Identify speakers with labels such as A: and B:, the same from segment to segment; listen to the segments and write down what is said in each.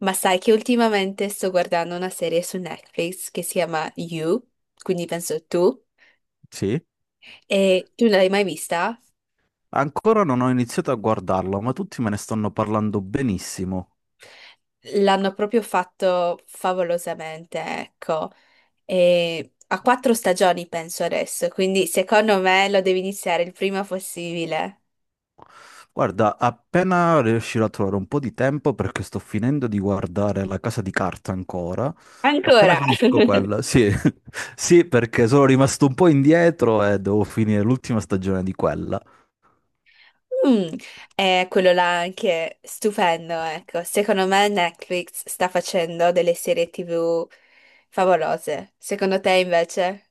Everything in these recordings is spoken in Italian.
A: Ma sai che ultimamente sto guardando una serie su Netflix che si chiama You, quindi penso tu,
B: Sì,
A: e tu non l'hai mai vista?
B: ancora non ho iniziato a guardarlo, ma tutti me ne stanno parlando benissimo.
A: L'hanno proprio fatto favolosamente, ecco, e ha quattro stagioni penso adesso, quindi secondo me lo devi iniziare il prima possibile.
B: Guarda, appena riuscirò a trovare un po' di tempo, perché sto finendo di guardare La Casa di Carta ancora, appena
A: Ancora!
B: finisco quella, sì, sì, perché sono rimasto un po' indietro e devo finire l'ultima stagione di quella.
A: Mm, è quello là anche stupendo, ecco. Secondo me Netflix sta facendo delle serie TV favolose. Secondo te invece?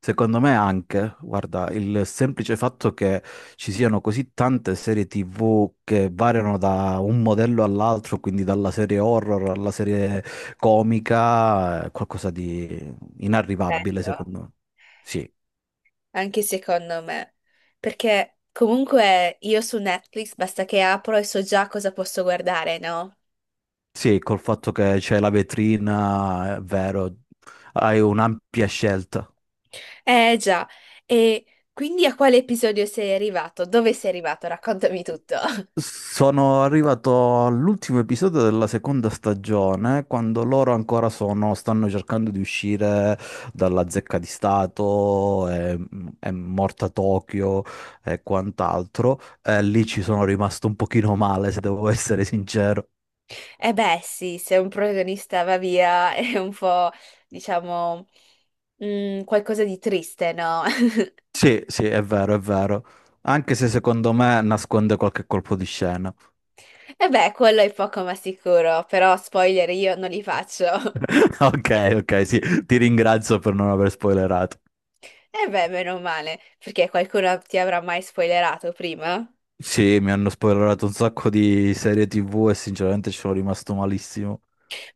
B: Secondo me anche, guarda, il semplice fatto che ci siano così tante serie TV che variano da un modello all'altro, quindi dalla serie horror alla serie comica, è qualcosa di inarrivabile
A: Bello,
B: secondo me. Sì,
A: anche secondo me, perché comunque io su Netflix basta che apro e so già cosa posso guardare, no?
B: sì, col fatto che c'è la vetrina, è vero, hai un'ampia scelta.
A: Eh già, e quindi a quale episodio sei arrivato? Dove sei arrivato? Raccontami tutto.
B: Sono arrivato all'ultimo episodio della seconda stagione, quando loro ancora stanno cercando di uscire dalla zecca di Stato, è morta Tokyo e quant'altro. E lì ci sono rimasto un pochino male, se devo essere sincero.
A: Eh beh, sì, se un protagonista va via è un po', diciamo, qualcosa di triste, no?
B: Sì, sì, è vero, è vero. Anche se secondo me nasconde qualche colpo di scena.
A: Eh beh, quello è poco ma sicuro, però spoiler io non li faccio.
B: Ok, ok, sì, ti ringrazio per non aver spoilerato.
A: Eh beh, meno male, perché qualcuno ti avrà mai spoilerato prima?
B: Sì, mi hanno spoilerato un sacco di serie TV e sinceramente ci sono rimasto malissimo.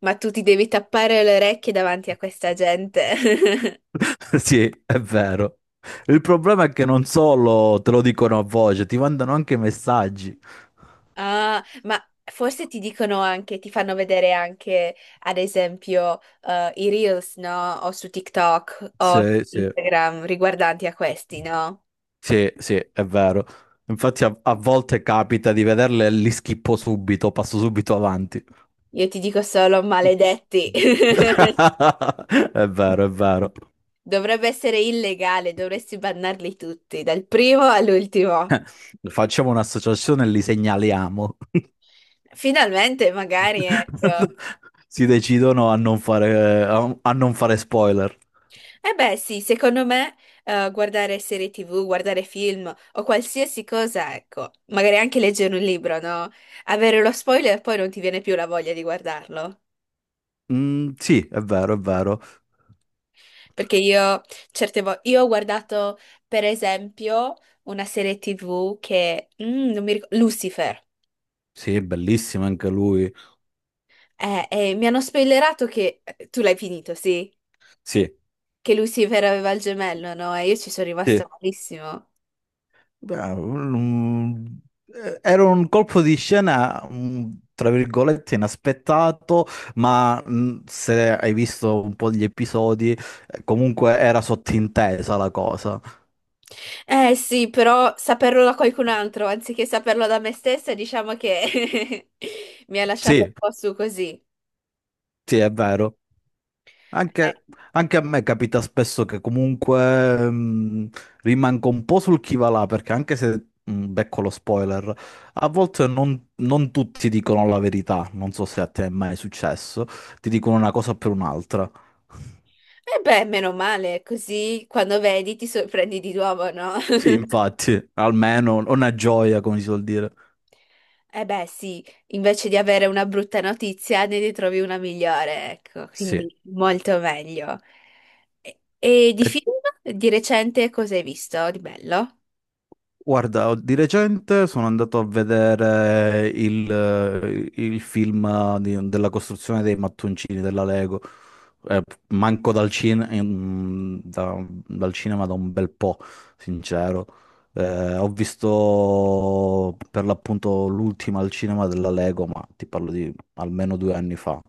A: Ma tu ti devi tappare le orecchie davanti a questa gente.
B: Sì, è vero. Il problema è che non solo te lo dicono a voce, ti mandano anche messaggi.
A: Ah, ma forse ti dicono anche, ti fanno vedere anche, ad esempio, i reels, no? O su TikTok o su
B: Sì, sì,
A: Instagram riguardanti a questi, no?
B: sì, sì, è vero. Infatti a volte capita di vederle e li schippo subito, passo subito avanti.
A: Io ti dico solo maledetti.
B: È vero, è vero.
A: Dovrebbe essere illegale, dovresti bannarli tutti, dal primo all'ultimo.
B: Facciamo un'associazione e li segnaliamo.
A: Finalmente, magari, ecco.
B: Si decidono a non fare, a non fare spoiler.
A: Eh beh, sì, secondo me guardare serie TV, guardare film o qualsiasi cosa, ecco, magari anche leggere un libro, no? Avere lo spoiler e poi non ti viene più la voglia di guardarlo.
B: Mm, sì, è vero, è vero.
A: Perché io certe volte io ho guardato, per esempio, una serie TV che, non mi ricordo, Lucifer.
B: Sì, è bellissimo anche lui.
A: E mi hanno spoilerato che tu l'hai finito, sì,
B: Sì,
A: che Lucifer aveva il gemello, no? E io ci sono rimasta
B: sì.
A: malissimo.
B: Beh, era un colpo di scena, mm, tra virgolette, inaspettato, ma se hai visto un po' gli episodi, comunque era sottintesa la cosa.
A: Eh sì, però saperlo da qualcun altro anziché saperlo da me stessa, diciamo che mi ha lasciato
B: Sì,
A: un po' su così.
B: sì, è vero.
A: Eh,
B: Anche, anche a me capita spesso che comunque rimango un po' sul chi va là, perché anche se becco lo spoiler, a volte non tutti dicono la verità, non so se a te è mai successo, ti dicono una cosa per un'altra.
A: eh beh, meno male, così quando vedi ti sorprendi di nuovo, no?
B: Sì, infatti, almeno una gioia, come si suol dire.
A: Eh beh, sì, invece di avere una brutta notizia ne ritrovi una migliore, ecco,
B: Sì.
A: quindi molto meglio. E di
B: E
A: film di recente cosa hai visto di bello?
B: guarda, di recente sono andato a vedere il della costruzione dei mattoncini della Lego. Eh, manco dal cinema da un bel po', sincero. Ho visto per l'appunto l'ultima al cinema della Lego, ma ti parlo di almeno due anni fa.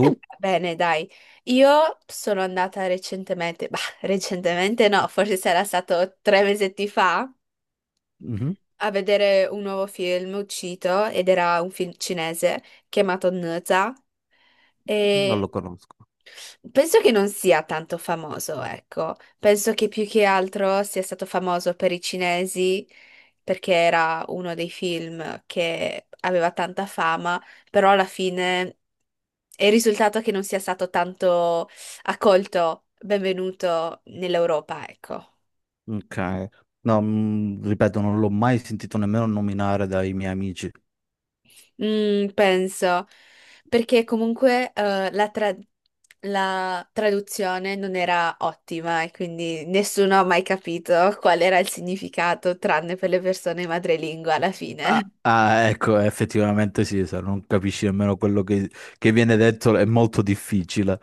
A: Bene, dai, io sono andata recentemente, bah, recentemente no, forse sarà stato tre mesetti fa,
B: Mhm.
A: a vedere un nuovo film uscito ed era un film cinese chiamato Nza.
B: Non lo conosco.
A: Penso che non sia tanto famoso, ecco. Penso che più che altro sia stato famoso per i cinesi perché era uno dei film che aveva tanta fama, però alla fine è il risultato che non sia stato tanto accolto, benvenuto nell'Europa, ecco.
B: Ok. No, mm, ripeto, non l'ho mai sentito nemmeno nominare dai miei amici.
A: Mm, penso, perché comunque la traduzione non era ottima e quindi nessuno ha mai capito qual era il significato, tranne per le persone madrelingua alla
B: Ah,
A: fine.
B: ah, ecco, effettivamente sì, se non capisci nemmeno che viene detto è molto difficile.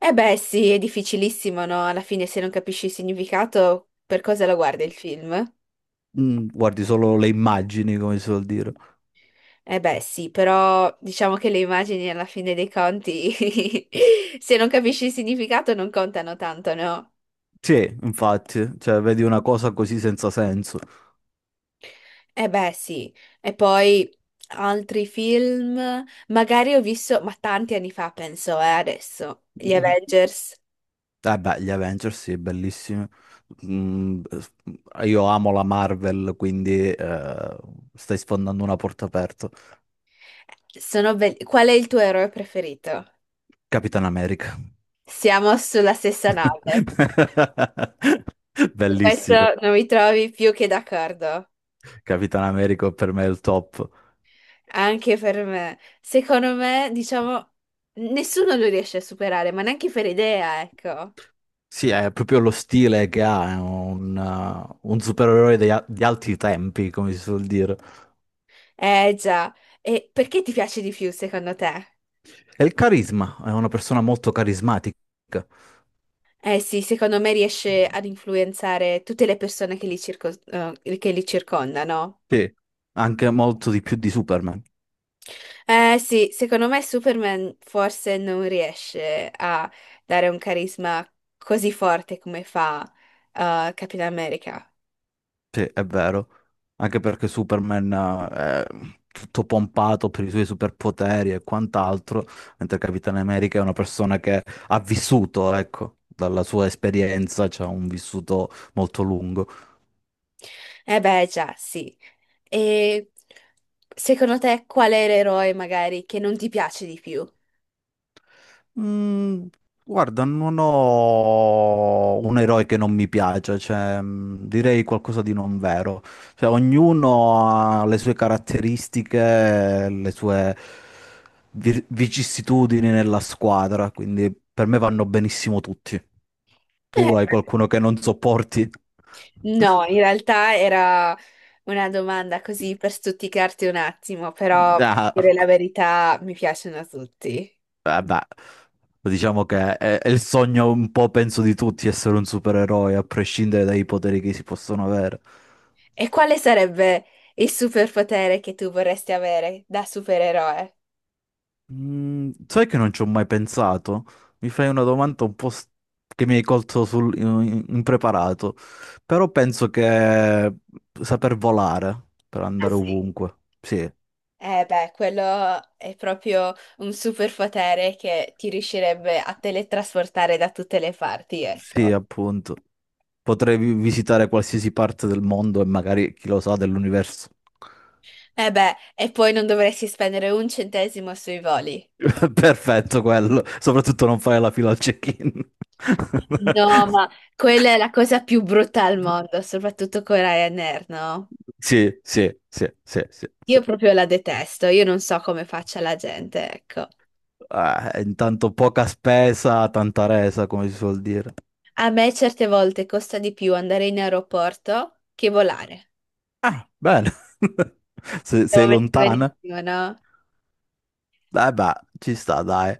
A: E beh, sì, è difficilissimo, no? Alla fine, se non capisci il significato, per cosa lo guardi il film?
B: Mm, guardi solo le immagini, come si vuol dire.
A: Eh beh, sì, però diciamo che le immagini alla fine dei conti, se non capisci il significato, non contano tanto, no?
B: Sì, infatti, cioè, vedi una cosa così senza senso.
A: Eh beh, sì. E poi altri film, magari ho visto, ma tanti anni fa penso, adesso, gli
B: Mm.
A: Avengers.
B: Eh beh, gli Avengers sì, bellissimi. Mm, io amo la Marvel, quindi stai sfondando una porta aperta.
A: Sono belli. Qual è il tuo eroe preferito?
B: Capitan America.
A: Siamo sulla stessa nave. Su
B: Bellissimo.
A: questo non mi trovi più che d'accordo.
B: Capitan America per me è il top.
A: Anche per me. Secondo me, diciamo, nessuno lo riesce a superare, ma neanche per idea, ecco.
B: Sì, è proprio lo stile che ha, è un supereroe altri tempi, come si suol dire.
A: Eh già. E perché ti piace di più, secondo te?
B: E il carisma, è una persona molto carismatica.
A: Eh sì, secondo me riesce ad influenzare tutte le persone che che li circondano.
B: Sì, anche molto di più di Superman.
A: Eh sì, secondo me Superman forse non riesce a dare un carisma così forte come fa Capitan America.
B: Sì, è vero. Anche perché Superman, è tutto pompato per i suoi superpoteri e quant'altro, mentre Capitano America è una persona che ha vissuto, ecco, dalla sua esperienza, c'ha un vissuto molto lungo.
A: Eh beh, già, sì. E secondo te qual è l'eroe magari che non ti piace di più?
B: Mm, guarda, non ho un eroe che non mi piace, cioè, mm, direi qualcosa di non vero. Cioè, ognuno ha le sue caratteristiche, le sue vicissitudini nella squadra, quindi per me vanno benissimo tutti. Tu
A: Eh,
B: hai qualcuno che non sopporti?
A: No, in realtà era una domanda così per stuzzicarti un attimo, però per
B: Ah,
A: dire la verità mi piacciono tutti.
B: vabbè, diciamo che è il sogno un po', penso, di tutti essere un supereroe, a prescindere dai poteri che si possono avere.
A: E quale sarebbe il superpotere che tu vorresti avere da supereroe?
B: Mm, sai che non ci ho mai pensato? Mi fai una domanda che mi hai colto impreparato, però penso che saper volare per
A: Ah
B: andare
A: sì.
B: ovunque, sì,
A: Eh beh, quello è proprio un superpotere che ti riuscirebbe a teletrasportare da tutte le parti, ecco.
B: sì, appunto, potrei visitare qualsiasi parte del mondo e magari, chi lo sa, dell'universo.
A: Eh beh, e poi non dovresti spendere un centesimo sui voli.
B: Perfetto quello, soprattutto non fare la fila al check-in.
A: No, ma quella è la cosa più brutta al mondo, soprattutto con Ryanair, no?
B: Sì, sì, sì, sì, sì,
A: Io
B: sì.
A: proprio la detesto, io non so come faccia la gente, ecco.
B: Intanto poca spesa, tanta resa, come si suol dire.
A: A me certe volte costa di più andare in aeroporto che volare.
B: Ah, bene. Sei
A: Siamo messi
B: lontana?
A: benissimo, no?
B: Eh beh, ci sta, dai.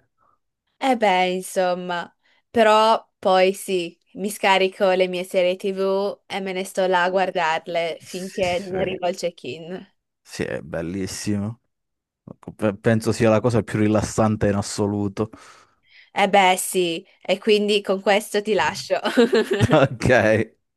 A: Eh beh, insomma, però poi sì, mi scarico le mie serie TV e me ne sto là a guardarle
B: Sì,
A: finché non
B: sì,
A: arrivo al check-in.
B: sì, è bellissimo. Penso sia la cosa più rilassante in assoluto.
A: Eh beh, sì, e quindi con questo ti lascio.
B: Ok.